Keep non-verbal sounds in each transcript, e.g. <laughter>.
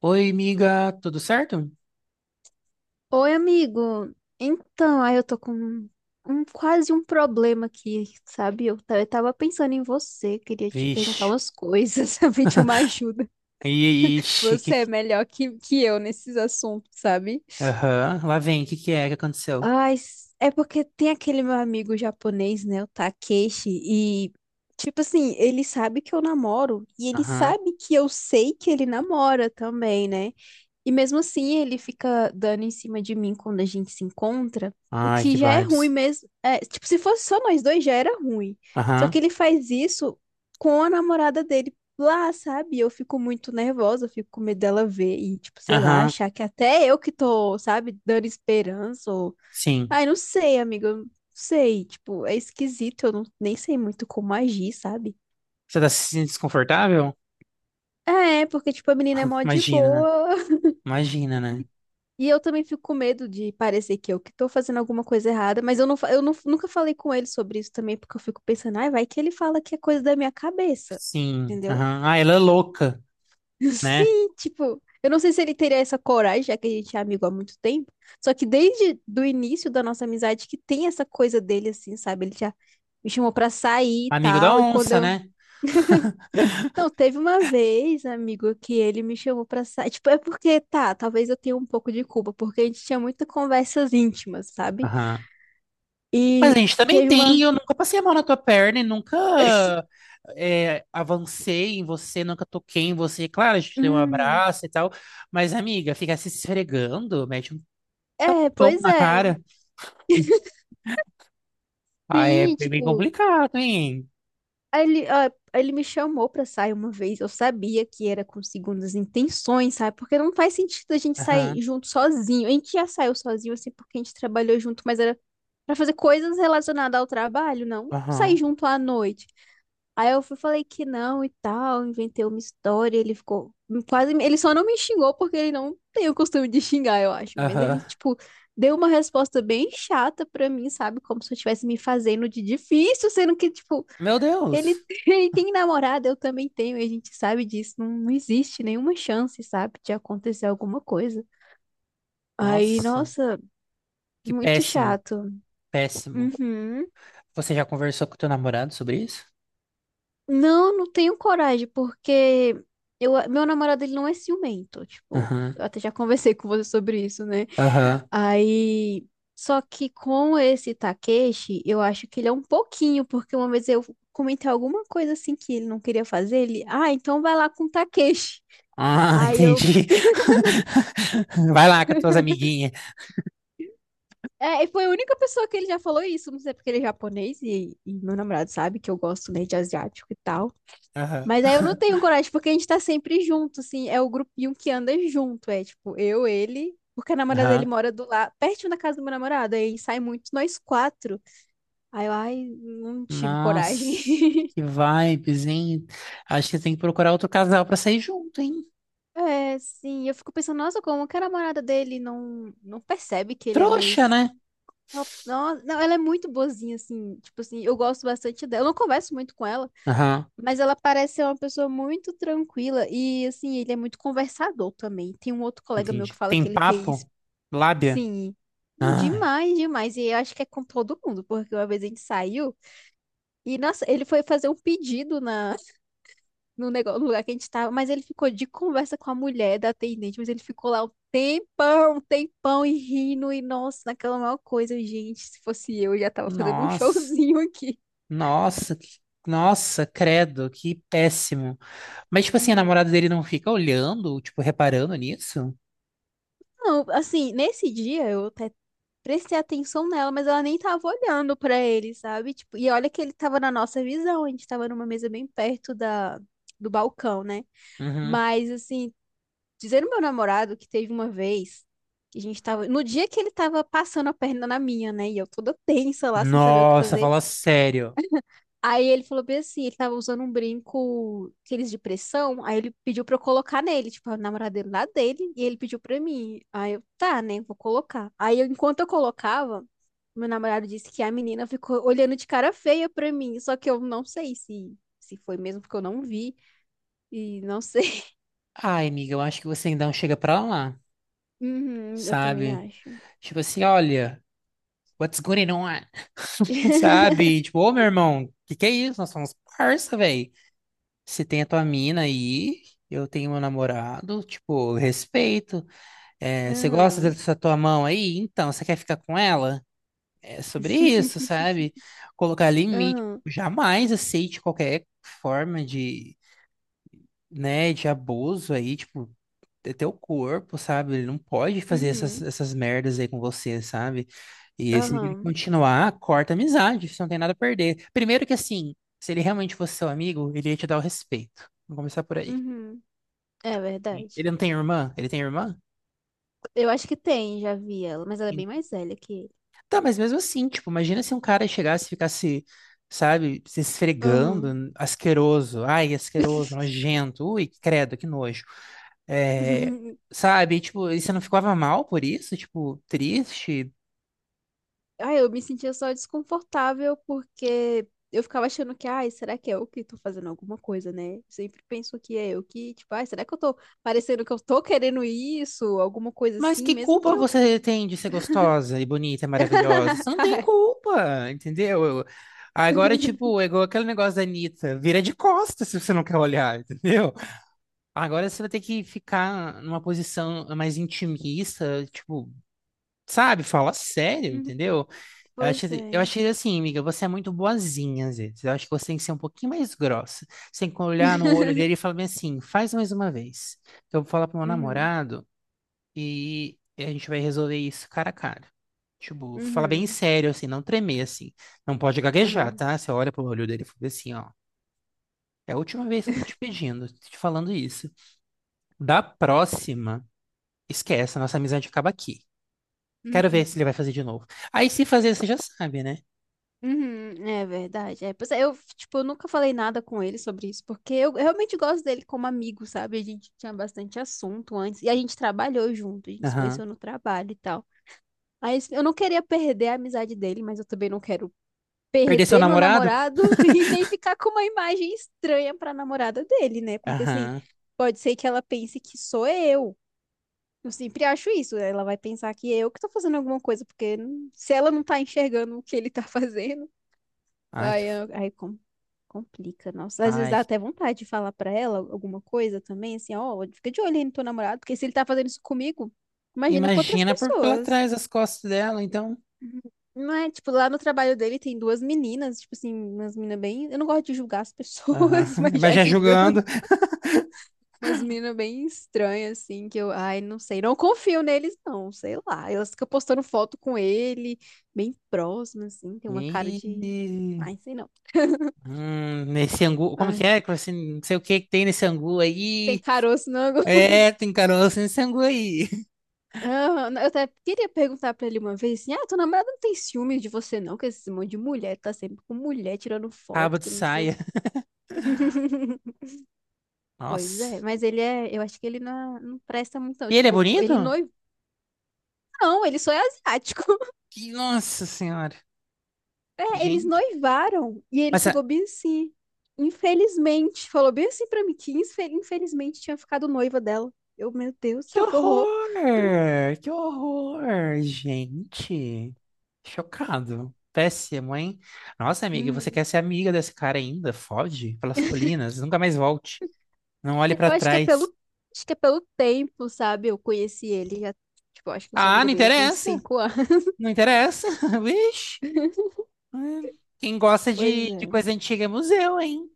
Oi, amiga, tudo certo? Oi, amigo. Então, aí eu tô com quase um problema aqui, sabe? Eu tava pensando em você, queria te perguntar Vixe, umas coisas, <laughs> sabe? De uma ajuda. ixi, que... Você é melhor que eu nesses assuntos, sabe? Aham. Lá vem, o que que é que aconteceu? Ai, é porque tem aquele meu amigo japonês, né? O Takeshi, e, tipo assim, ele sabe que eu namoro e ele Aham. sabe que eu sei que ele namora também, né? E mesmo assim, ele fica dando em cima de mim quando a gente se encontra, o Ai, que que já é ruim vibes. mesmo. É, tipo, se fosse só nós dois, já era ruim. Só que Aham. ele faz isso com a namorada dele lá, sabe? Eu fico muito nervosa, eu fico com medo dela ver e, tipo, sei lá, Aham. achar que até eu que tô, sabe, dando esperança ou... Sim. Ai, não sei, amiga, eu não sei. Tipo, é esquisito, eu não, nem sei muito como agir, sabe? Você tá se sentindo desconfortável? É, porque, tipo, a menina é mó <laughs> de Imagina, né? boa. Imagina, né? E eu também fico com medo de parecer que eu que tô fazendo alguma coisa errada, mas eu, não, fa- eu não- nunca falei com ele sobre isso também, porque eu fico pensando, ai, vai que ele fala que é coisa da minha cabeça, Sim, entendeu? aham. Ah, ela é louca, <laughs> né? Sim, tipo, eu não sei se ele teria essa coragem, já que a gente é amigo há muito tempo, só que desde do início da nossa amizade que tem essa coisa dele, assim, sabe? Ele já me chamou pra sair e Amigo da tal, e quando onça, eu... né? Não, teve uma vez, amigo, que ele me chamou pra sair. Tipo, é porque, tá, talvez eu tenha um pouco de culpa, porque a gente tinha muitas conversas íntimas, sabe? Aham. Mas a E gente também teve tem, e uma. eu nunca passei a mão na tua perna e <laughs> nunca avancei em você, nunca toquei em você. Claro, a gente deu um Hum. abraço e tal, mas amiga, ficar se esfregando, mete um É, pão pois na é. cara. Ah, é Sim, bem tipo. complicado, hein? Aí ele, ah, aí ele me chamou pra sair uma vez. Eu sabia que era com segundas intenções, sabe? Porque não faz sentido a gente Aham, sair junto sozinho. A gente já saiu sozinho, assim, porque a gente trabalhou junto, mas era pra fazer coisas relacionadas ao trabalho, não sair aham, junto à noite. Aí eu fui, falei que não e tal, inventei uma história, ele ficou quase, ele só não me xingou porque ele não tem o costume de xingar, eu acho, mas ele aham. tipo deu uma resposta bem chata pra mim, sabe, como se eu estivesse me fazendo de difícil, sendo que tipo, Meu ele Deus! <laughs> ele tem namorada, eu também tenho, e a gente sabe disso, não existe nenhuma chance, sabe, de acontecer alguma coisa. Aí, Nossa, nossa, que muito péssimo, chato. péssimo. Uhum. Você já conversou com teu namorado sobre isso? Não, não tenho coragem, porque meu namorado ele não é ciumento, tipo, Aham, eu até já <laughs> conversei com você sobre isso, né? aham. Aí, só que com esse Takeshi, eu acho que ele é um pouquinho, porque uma vez eu comentei alguma coisa assim que ele não queria fazer, ele, então vai lá com o Takeshi. Ah, Aí eu, entendi. <laughs> Vai lá com as tuas amiguinhas. E foi a única pessoa que ele já falou isso, não sei porque ele é japonês e meu namorado sabe que eu gosto, né, de asiático e tal. Aham. Mas aí eu não tenho coragem, porque a gente tá sempre junto, assim, é o grupinho que anda junto, é tipo, eu, ele, porque a namorada dele Aham. mora do lado, pertinho da casa do meu namorado, aí sai muito nós quatro. Aí eu, ai, não tive Nossa, coragem. <laughs> que vibes, hein? Acho que tem que procurar outro casal pra sair junto, hein? É, sim, eu fico pensando, nossa, como que a namorada dele não percebe que ele é meio... Trouxa, né? Não, não, ela é muito boazinha, assim, tipo assim, eu gosto bastante dela, eu não converso muito com ela, Aham, mas ela parece ser uma pessoa muito tranquila e, assim, ele é muito conversador também. Tem um outro colega meu entendi. que fala Tem que ele tem. papo? Lábia? Sim, Ai, demais, demais. E eu acho que é com todo mundo, porque uma vez a gente saiu e nossa, ele foi fazer um pedido na, no, negócio, no lugar que a gente tava, mas ele ficou de conversa com a mulher da atendente, mas ele ficou lá um tempão e rindo, e nossa, naquela maior coisa, gente, se fosse eu já tava fazendo um <laughs> nossa, showzinho aqui. nossa, que- nossa, credo, que péssimo. Mas, tipo assim, a namorada dele não fica olhando, tipo, reparando nisso? Não, assim, nesse dia eu até prestei atenção nela, mas ela nem tava olhando pra ele, sabe? Tipo, e olha que ele tava na nossa visão, a gente tava numa mesa bem perto do balcão, né? Uhum. Mas, assim, dizendo meu namorado que teve uma vez que a gente tava. No dia que ele tava passando a perna na minha, né? E eu toda tensa lá, sem saber o que Nossa, fazer. fala sério. Aí ele falou bem assim, ele tava usando um brinco, aqueles de pressão, aí ele pediu pra eu colocar nele, tipo, a namorada dele lá dele, e ele pediu pra mim. Aí eu, tá, né, vou colocar. Enquanto eu colocava, meu namorado disse que a menina ficou olhando de cara feia pra mim, só que eu não sei se foi mesmo, porque eu não vi, e não sei. <laughs> Ai, amiga, eu acho que você ainda não chega pra lá, Uhum, eu também sabe? acho. Tipo assim, olha, what's going on? <laughs> Sabe? Tipo, ô meu irmão, que é isso? Nós somos parça, velho. Você tem a tua mina aí, eu tenho meu namorado, tipo, respeito. É, você gosta Aham. dessa tua mão aí? Então, você quer ficar com ela? É sobre isso, <laughs> sabe? Colocar limite. Aham. Jamais aceite qualquer forma de, né, de abuso aí, tipo, é teu corpo, sabe? Ele não pode fazer essas, Uhum. essas merdas aí com você, sabe? E se ele Aham. continuar, corta a amizade, você não tem nada a perder. Primeiro que assim, se ele realmente fosse seu amigo, ele ia te dar o respeito. Vamos começar por aí. Uhum, é verdade. Ele não tem irmã? Ele tem irmã? Eu acho que tem, já vi ela, mas ela é bem mais velha que ele. Tá, mas mesmo assim, tipo, imagina se um cara chegasse e ficasse, sabe, se Aham. esfregando, asqueroso, ai, asqueroso, nojento, ui, credo, que nojo. É, <laughs> sabe, tipo, e você não ficava mal por isso? Tipo, triste? Ai, eu me sentia só desconfortável porque eu ficava achando que, ai, será que é eu que tô fazendo alguma coisa, né? Sempre penso que é eu que, tipo, ai, será que eu tô parecendo que eu tô querendo isso? Alguma coisa Mas assim, que mesmo que culpa eu. você tem de ser gostosa e bonita e maravilhosa? Você <laughs> não tem Ai. culpa, entendeu? Eu... Agora, <laughs> tipo, é igual aquele negócio da Anitta, vira de costas se você não quer olhar, <laughs> entendeu? Agora você vai ter que ficar numa posição mais intimista, tipo, sabe? Fala sério, entendeu? Eu Pois achei, eu é. achei assim, amiga, você é muito boazinha às vezes. Eu acho que você tem que ser um pouquinho mais grossa. Você tem que olhar no olho dele e falar bem assim, faz mais uma vez. Eu vou falar pro meu Uhum. namorado. E a gente vai resolver isso cara a cara. Tipo, falar bem Uhum. sério, assim, não tremer, assim. Não pode gaguejar, Aham. tá? Você olha pro olho dele e fala assim, ó. É a última vez que eu tô te pedindo, tô te falando isso. Da próxima, esquece, a nossa amizade acaba aqui. Quero ver Uhum. se ele vai fazer de novo. Aí se fazer, você já sabe, né? Uhum, é verdade. É, pois é, eu, tipo, eu nunca falei nada com ele sobre isso, porque eu realmente gosto dele como amigo, sabe? A gente tinha bastante assunto antes, e a gente trabalhou junto, a gente se Aham. conheceu no trabalho e tal. Aí assim, eu não queria perder a amizade dele, mas eu também não quero Perder seu perder meu namorado? namorado <laughs> e nem <laughs> ficar com uma imagem estranha pra namorada dele, né? Porque assim, Aham. pode ser que ela pense que sou eu. Eu sempre acho isso, ela vai pensar que é eu que tô fazendo alguma coisa, porque se ela não tá enxergando o que ele tá <laughs> fazendo. Ai, que... Aí, complica, nossa. Às vezes Ai. dá até vontade de falar pra ela alguma coisa também, assim, ó, fica de olho aí no teu namorado, porque se ele tá fazendo isso comigo, imagina com outras Imagina por pela pessoas. trás as costas dela, então. Uhum. Não é, tipo, lá no trabalho dele tem duas meninas, tipo assim, umas meninas bem. Eu não gosto de julgar as Aham. pessoas, <laughs> <laughs> mas Mas já já julgando, julgando. umas meninas bem estranhas, assim, que eu, ai, não sei, não confio neles, não, sei lá. Elas ficam postando foto com ele, bem próximas assim, tem uma cara de. Ih. Ai, sei não. <laughs> Nesse angu, como que Ai. é? Que você não sei o que que tem nesse angu Tem aí. caroço no angu. É, tem caroço nesse angu aí. <laughs> Ah, eu até queria perguntar pra ele uma vez assim: ah, tua namorada não tem ciúme de você, não? Que esse monte de mulher tá sempre com mulher tirando Rabo foto, de que não sei o quê. saia. <laughs> Pois é, Nossa. mas ele é. Eu acho que ele não presta muito, não. E ele é Tipo, ele bonito? noivo. Não, ele só é asiático. <laughs> Que, nossa senhora. É, eles Gente. noivaram e ele Mas, chegou ah, bem assim. Infelizmente, falou bem assim pra mim que infelizmente tinha ficado noiva dela. Eu, meu Deus do que céu, que horror. horror! Que horror, gente. Chocado. Péssimo, hein? Nossa, amiga, você Hum. quer ser amiga desse cara ainda? Foge pelas colinas. Nunca mais volte. Não olhe pra Eu acho que é trás. pelo tempo, sabe? Eu conheci ele já, tipo, eu acho que eu sou Ah, amiga não dele já tem uns interessa. 5 anos. <laughs> Não interessa. <laughs> Vixe. Hum. Quem gosta Pois de é. coisa antiga é museu, hein?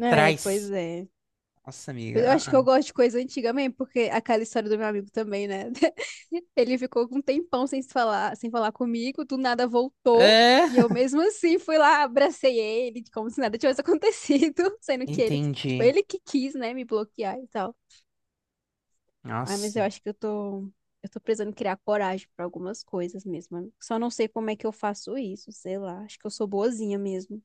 É, pois é. Nossa, Mas amiga. eu acho Ah, que eu gosto de coisa antiga mesmo, porque aquela história do meu amigo também, né? <laughs> Ele ficou com um tempão sem se falar, sem falar comigo, do nada ah. voltou, e eu É, mesmo assim fui lá, abracei ele, como se nada tivesse acontecido, <laughs> sendo que ele, tipo, entendi. ele que quis, né, me bloquear e tal. Ai, mas Nossa. eu acho que eu tô precisando criar coragem pra algumas coisas mesmo, amigo. Só não sei como é que eu faço isso, sei lá. Acho que eu sou boazinha mesmo.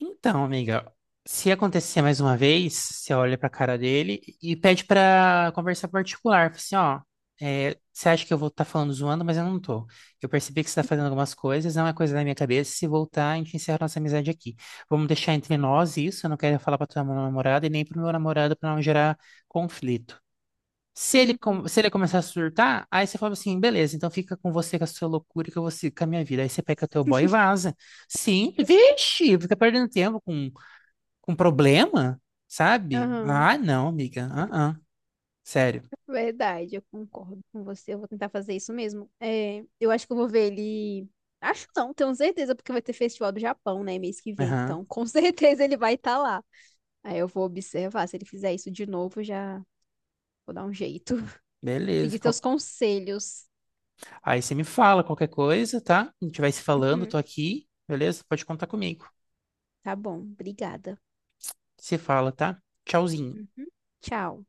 Então, amiga, se acontecer mais uma vez, você olha pra cara dele e pede pra conversar particular. Fala assim, ó, é, você acha que eu vou estar falando zoando, mas eu não tô. Eu percebi que você tá fazendo algumas coisas, não é coisa da minha cabeça. Se voltar, a gente encerra nossa amizade aqui. Vamos deixar entre nós isso, eu não quero falar pra tua namorada e nem pro meu namorado pra não gerar conflito. Se ele, com- Uhum. se ele começar a surtar, aí você fala assim, beleza, então fica com você com a sua loucura e que eu vou seguir com a minha vida. Aí você pega teu boy e vaza. Sim, vixe, fica perdendo tempo com problema, sabe? Aham, Ah, não, amiga. Ah, ah. Sério. verdade, eu concordo com você. Eu vou tentar fazer isso mesmo. É, eu acho que eu vou ver ele. Acho não, tenho certeza, porque vai ter festival do Japão, né, mês que vem. Aham. Então, com <laughs> certeza ele vai estar lá. Aí eu vou observar. Se ele fizer isso de novo, já vou dar um jeito. <laughs> Seguir Beleza. Qual- teus conselhos. Aí você me fala qualquer coisa, tá? A gente vai se falando, Uhum. tô aqui, beleza? Pode contar comigo. Tá bom, obrigada. Se fala, tá? Tchauzinho. Uhum. Tchau.